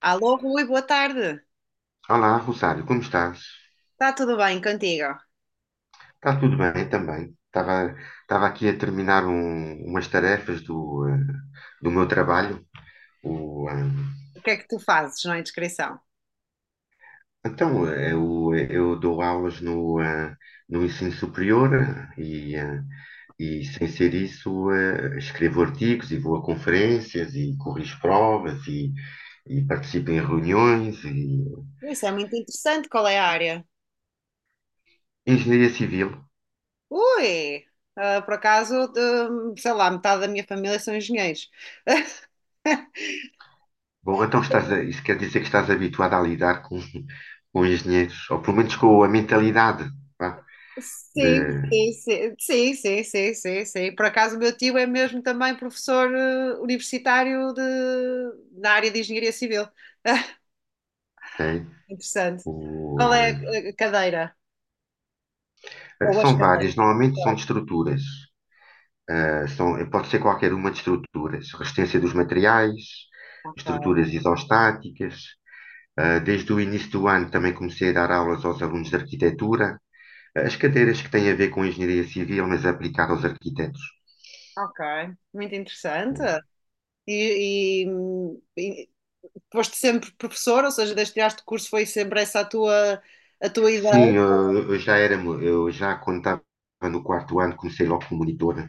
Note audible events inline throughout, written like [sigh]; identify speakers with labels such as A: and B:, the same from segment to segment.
A: Alô, Rui, boa tarde.
B: Olá, Rosário, como estás?
A: Está tudo bem contigo?
B: Está tudo bem também. Estava aqui a terminar umas tarefas do do meu trabalho. O, eh,
A: O que é que tu fazes na inscrição?
B: então, eu dou aulas no no ensino superior e, e, sem ser isso, escrevo artigos e vou a conferências e corrijo provas e participo em reuniões e
A: Isso é muito interessante. Qual é a área?
B: engenharia civil.
A: Ui, ah, por acaso, sei lá, metade da minha família são engenheiros.
B: Bom, então isso quer dizer que estás habituado a lidar com engenheiros, ou pelo menos com a mentalidade, vá, de,
A: Sim, sim, sim, sim, sim, sim, sim, sim. Por acaso, o meu tio é mesmo também professor universitário de, na área de engenharia civil. [laughs]
B: tem,
A: Interessante.
B: o,
A: Qual é a cadeira? Ou as
B: são várias,
A: cadeiras?
B: normalmente são de estruturas, são, pode ser qualquer uma de estruturas, resistência dos materiais,
A: Ok,
B: estruturas isostáticas, desde o início do ano também comecei a dar aulas aos alunos de arquitetura. Eh, as cadeiras que têm a ver com engenharia civil, mas aplicada aos arquitetos.
A: ok. Muito interessante. E, e foste sempre professora, ou seja, desde que tiraste o curso foi sempre essa a tua ideia.
B: Sim, eu já era, eu já quando estava no quarto ano comecei logo como monitor,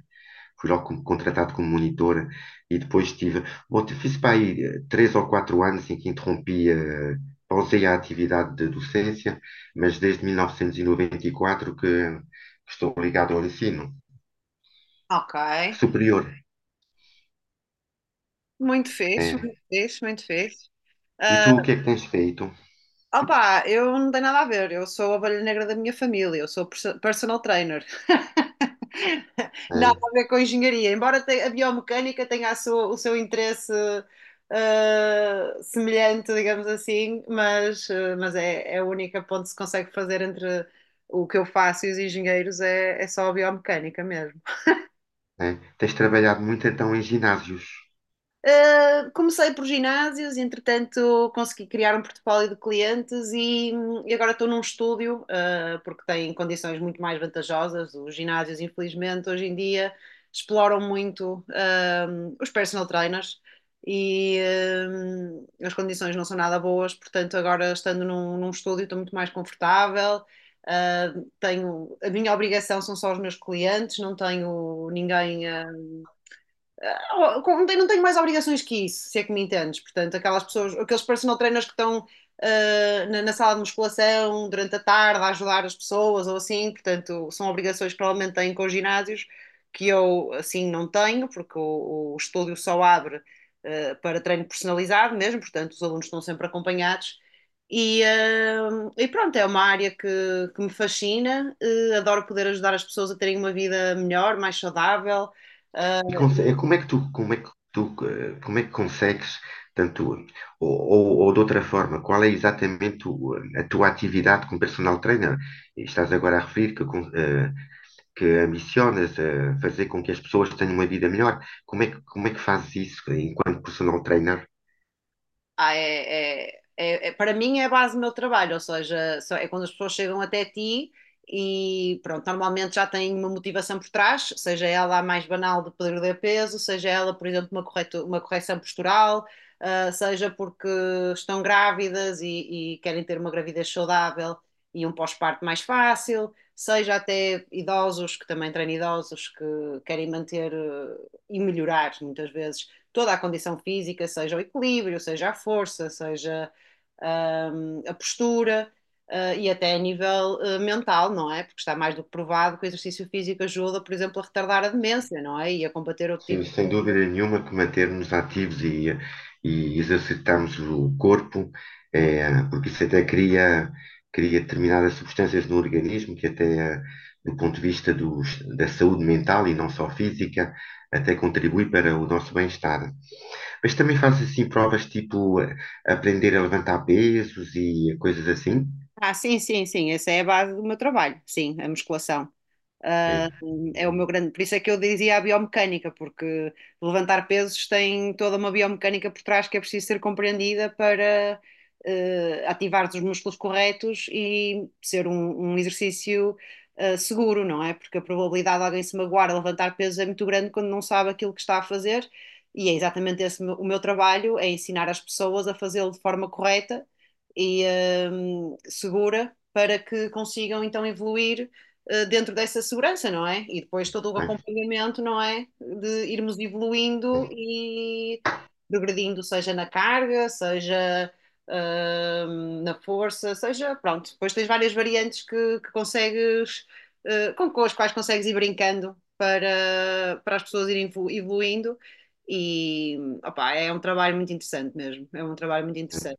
B: fui logo contratado como monitor e depois tive, bom, fiz para aí três ou quatro anos em que interrompi, pausei a atividade de docência, mas desde 1994 que estou ligado ao ensino
A: Ok.
B: superior.
A: Muito fixe,
B: É.
A: muito fixe, muito fixe.
B: E tu
A: Ah,
B: o que é que tens feito?
A: opa, eu não tenho nada a ver. Eu sou a ovelha negra da minha família. Eu sou personal trainer. [laughs] Nada
B: É,
A: a ver com engenharia. Embora a biomecânica tenha o seu interesse semelhante, digamos assim, mas, mas é, é a única ponte que se consegue fazer entre o que eu faço e os engenheiros é, é só a biomecânica mesmo.
B: é. Tens trabalhado muito então em ginásios.
A: Comecei por ginásios, entretanto consegui criar um portfólio de clientes e agora estou num estúdio, porque tem condições muito mais vantajosas. Os ginásios, infelizmente, hoje em dia exploram muito, os personal trainers e, as condições não são nada boas, portanto, agora estando num, num estúdio estou muito mais confortável. Tenho, a minha obrigação são só os meus clientes, não tenho ninguém a oh, não tenho mais obrigações que isso, se é que me entendes. Portanto, aquelas pessoas, aqueles personal trainers que estão na, na sala de musculação durante a tarde a ajudar as pessoas ou assim, portanto, são obrigações que provavelmente têm com os ginásios que eu assim não tenho, porque o estúdio só abre para treino personalizado mesmo, portanto, os alunos estão sempre acompanhados. E, ah, e pronto, é uma área que me fascina, adoro poder ajudar as pessoas a terem uma vida melhor, mais saudável. Ah,
B: E como é que tu, como é que tu, como é que consegues, tanto, ou, ou de outra forma, qual é exatamente a tua atividade como personal trainer? E estás agora a referir que, que ambicionas fazer com que as pessoas tenham uma vida melhor. Como é que fazes isso enquanto personal trainer?
A: ah, é, para mim é a base do meu trabalho, ou seja, é quando as pessoas chegam até ti e pronto, normalmente já têm uma motivação por trás, seja ela a mais banal de perder peso, seja ela, por exemplo, uma, uma correção postural, ah, seja porque estão grávidas e querem ter uma gravidez saudável e um pós-parto mais fácil, seja até idosos, que também treino idosos que querem manter, e melhorar muitas vezes toda a condição física, seja o equilíbrio, seja a força, seja a postura e até a nível mental, não é? Porque está mais do que provado que o exercício físico ajuda, por exemplo, a retardar a demência, não é? E a combater outro
B: Sim,
A: tipo
B: sem
A: de...
B: dúvida nenhuma que mantermo-nos ativos e exercitarmos o corpo, porque isso até cria, cria determinadas substâncias no organismo que até, do ponto de vista dos, da saúde mental e não só física, até contribui para o nosso bem-estar. Mas também faz assim provas tipo aprender a levantar pesos e coisas assim.
A: Ah, sim, sim, sim, essa é a base do meu trabalho, sim, a musculação. Ah,
B: É.
A: é o meu grande, por isso é que eu dizia a biomecânica, porque levantar pesos tem toda uma biomecânica por trás que é preciso ser compreendida para ativar os músculos corretos e ser um, um exercício seguro, não é? Porque a probabilidade de alguém se magoar a levantar pesos é muito grande quando não sabe aquilo que está a fazer, e é exatamente esse o meu trabalho, é ensinar as pessoas a fazê-lo de forma correta e segura para que consigam então evoluir dentro dessa segurança, não é? E depois todo o
B: É.
A: acompanhamento, não é? De irmos evoluindo e progredindo, seja na carga, seja na força, seja, pronto. Depois tens várias variantes que consegues, com as quais consegues ir brincando para, para as pessoas irem evoluindo. E opa, é um trabalho muito interessante mesmo. É um trabalho muito interessante.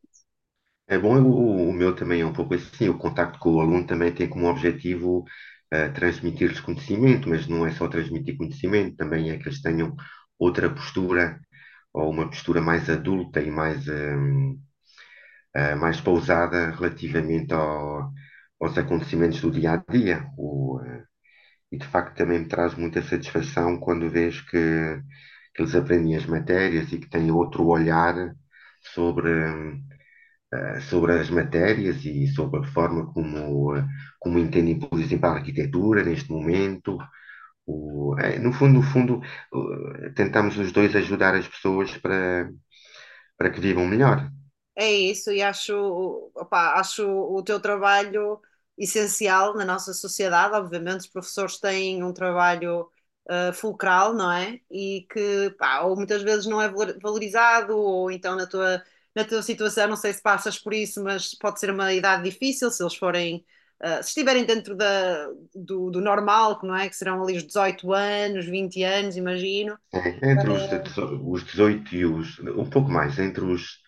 B: É bom, o meu também é um pouco assim. O contacto com o aluno também tem como objetivo transmitir-lhes conhecimento, mas não é só transmitir conhecimento, também é que eles tenham outra postura, ou uma postura mais adulta e mais, mais pausada relativamente aos acontecimentos do dia a dia. E de facto também me traz muita satisfação quando vejo que eles aprendem as matérias e que têm outro olhar sobre, sobre as matérias e sobre a forma como, como entendem, por exemplo, a arquitetura neste momento. No fundo, no fundo, tentamos os dois ajudar as pessoas para, para que vivam melhor.
A: É isso, e acho, opá, acho o teu trabalho essencial na nossa sociedade. Obviamente, os professores têm um trabalho fulcral, não é? E que, pá, ou muitas vezes não é valorizado, ou então na tua situação, não sei se passas por isso, mas pode ser uma idade difícil se eles forem, se estiverem dentro da, do, do normal, que não é? Que serão ali os 18 anos, 20 anos, imagino.
B: É, entre os, os 18 e os. Um pouco mais, entre os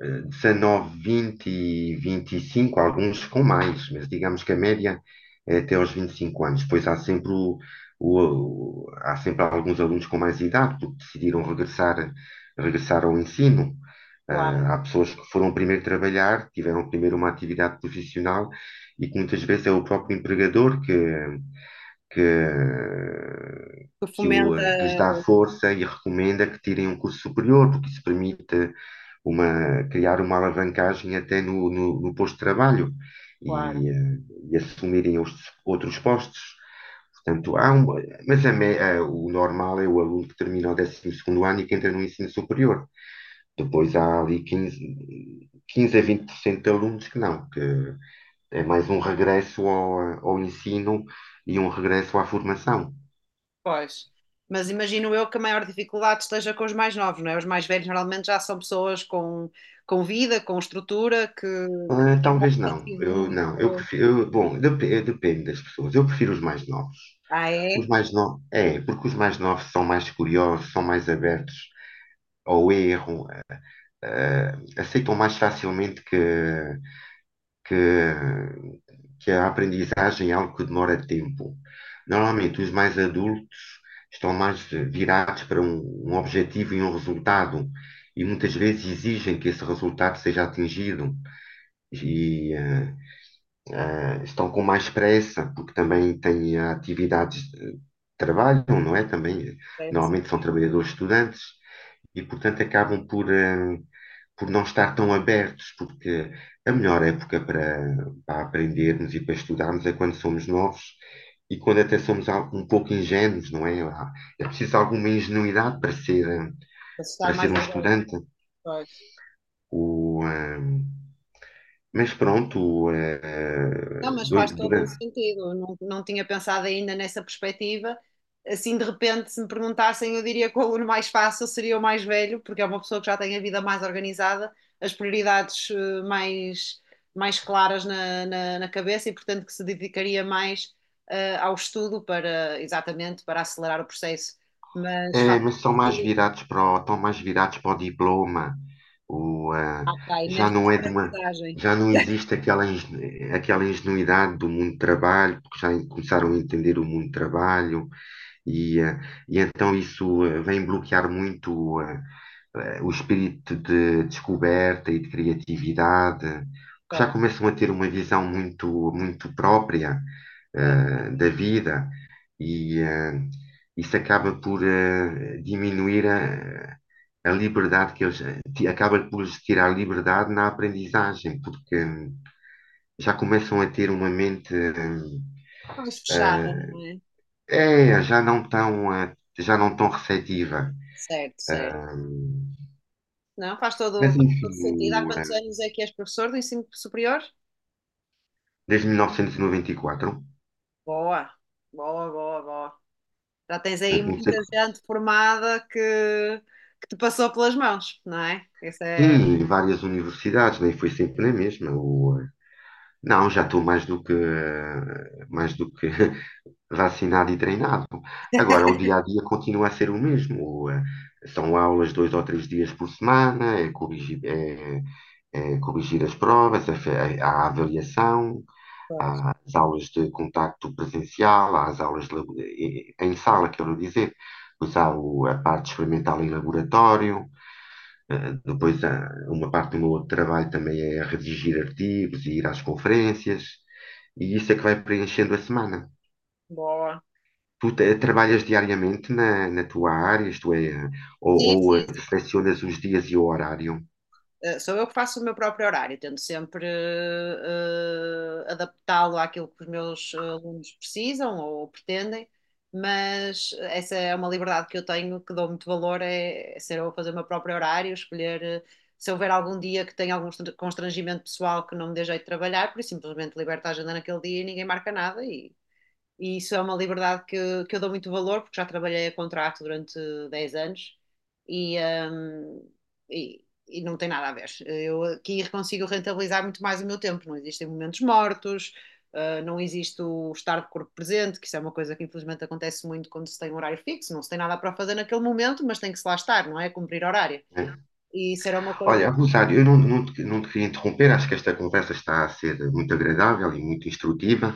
B: 19, 20 e 25, alguns com mais, mas digamos que a média é até aos 25 anos. Pois há sempre, há sempre alguns alunos com mais idade, porque decidiram regressar, regressar ao ensino.
A: Claro,
B: Ah, há pessoas que foram primeiro trabalhar, tiveram primeiro uma atividade profissional e que muitas vezes é o próprio empregador que,
A: que
B: que
A: fomenta,
B: que lhes dá força e recomenda que tirem um curso superior, porque isso permite uma, criar uma alavancagem até no no posto de trabalho
A: claro.
B: e, e assumirem os outros postos. Portanto, há um, mas o normal é o aluno que termina o 12º ano e que entra no ensino superior. Depois há ali 15 a 20% de alunos que não, que é mais um regresso ao, ao ensino e um regresso à formação.
A: Pois. Mas imagino eu que a maior dificuldade esteja com os mais novos, não é? Os mais velhos normalmente já são pessoas com vida, com estrutura,
B: Ah,
A: que têm um
B: talvez não,
A: objetivo
B: eu não, eu
A: muito.
B: prefiro, bom, depende das pessoas, eu prefiro os mais novos.
A: Ah,
B: Os
A: é?
B: mais novos, é, porque os mais novos são mais curiosos, são mais abertos ao erro, eh, aceitam mais facilmente que, que a aprendizagem é algo que demora tempo. Normalmente, os mais adultos estão mais virados para um, um objetivo e um resultado, e muitas vezes exigem que esse resultado seja atingido. E, eh, estão com mais pressa, porque também têm atividades de trabalho, não é? Também,
A: Deve ser
B: normalmente são trabalhadores estudantes e, portanto, acabam por, por não estar tão abertos, porque a melhor época para, para aprendermos e para estudarmos é quando somos novos e quando até somos um pouco ingênuos, não é? É preciso alguma ingenuidade para ser, para
A: assustar
B: ser
A: mais
B: um
A: agora.
B: estudante. O, eh, mas pronto,
A: Não, mas faz todo o
B: durante,
A: sentido. Não, não tinha pensado ainda nessa perspectiva. Assim, de repente, se me perguntassem, eu diria que o aluno mais fácil seria o mais velho, porque é uma pessoa que já tem a vida mais organizada, as prioridades mais, mais claras na, na, na cabeça e, portanto, que se dedicaria mais ao estudo para, exatamente, para acelerar o processo. Mas faz
B: é, mas são mais
A: sentido.
B: virados para o, estão mais virados para o diploma. O, ah,
A: Ok,
B: já
A: menos
B: não é
A: para
B: de
A: a
B: uma,
A: aprendizagem.
B: já não existe aquela, aquela ingenuidade do mundo do trabalho, porque começaram a entender o mundo do trabalho e e então isso vem bloquear muito o espírito de descoberta e de criatividade, que já
A: Claro,
B: começam a ter uma visão muito, muito própria
A: certo.
B: da vida e isso acaba por diminuir a liberdade que eles acaba por lhes tirar liberdade na aprendizagem, porque já começam a ter uma mente
A: Mais fechada,
B: eh,
A: não é?
B: é, já não tão já não tão receptiva.
A: Certo, certo.
B: Hum,
A: Não,
B: mas
A: faz
B: enfim,
A: todo sentido. Há quantos anos é que és professor do ensino superior?
B: desde 1994,
A: Boa, boa, boa, boa. Já tens
B: eu
A: aí
B: não sei.
A: muita gente formada que te passou pelas mãos, não é? Isso é.
B: Sim, e várias universidades, nem foi sempre na mesma. Não, já estou mais do que, mais do que [laughs] vacinado e treinado. Agora, o dia a dia continua a ser o mesmo. O, eh, São aulas dois ou três dias por semana, é corrigir, é, é corrigir as provas, a avaliação,
A: Pois,
B: há as aulas de contacto presencial, há as aulas de em sala, quero dizer. Depois há a parte experimental em laboratório, depois há uma parte do meu outro trabalho também é redigir artigos e ir às conferências, e isso é que vai preenchendo a semana.
A: boa.
B: Tu trabalhas diariamente na, na tua área, isto é,
A: Sim,
B: ou
A: sim,
B: selecionas os dias e o horário?
A: Sou eu que faço o meu próprio horário, tento sempre adaptá-lo àquilo que os meus alunos precisam ou pretendem, mas essa é uma liberdade que eu tenho, que dou muito valor, é, é ser eu a fazer o meu próprio horário, escolher. Se houver algum dia que tenha algum constrangimento pessoal que não me dê jeito de trabalhar, por isso simplesmente liberto a agenda naquele dia e ninguém marca nada e e isso é uma liberdade que eu dou muito valor, porque já trabalhei a contrato durante 10 anos e, hum, e não tem nada a ver. Eu aqui consigo rentabilizar muito mais o meu tempo. Não existem momentos mortos, não existe o estar de corpo presente, que isso é uma coisa que infelizmente acontece muito quando se tem um horário fixo. Não se tem nada para fazer naquele momento, mas tem que se lá estar, não é? Cumprir horário.
B: Né?
A: E isso era uma coisa
B: Olha,
A: que
B: Rosário, eu não, não, te, não te queria interromper, acho que esta conversa está a ser muito agradável e muito instrutiva.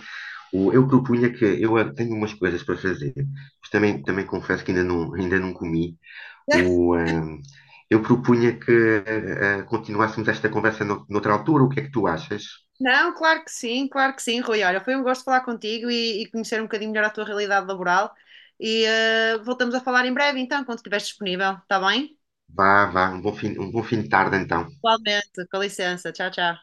B: O, eu propunha que eu tenho umas coisas para fazer, mas também, também confesso que ainda não comi. O, ehm, eu propunha que continuássemos esta conversa no, noutra altura, o que é que tu achas?
A: não, claro que sim, Rui. Olha, foi um gosto falar contigo e conhecer um bocadinho melhor a tua realidade laboral. E voltamos a falar em breve, então, quando estiveres disponível, está bem?
B: Vá, vá, um bom fim de tarde então.
A: Igualmente, com licença. Tchau, tchau.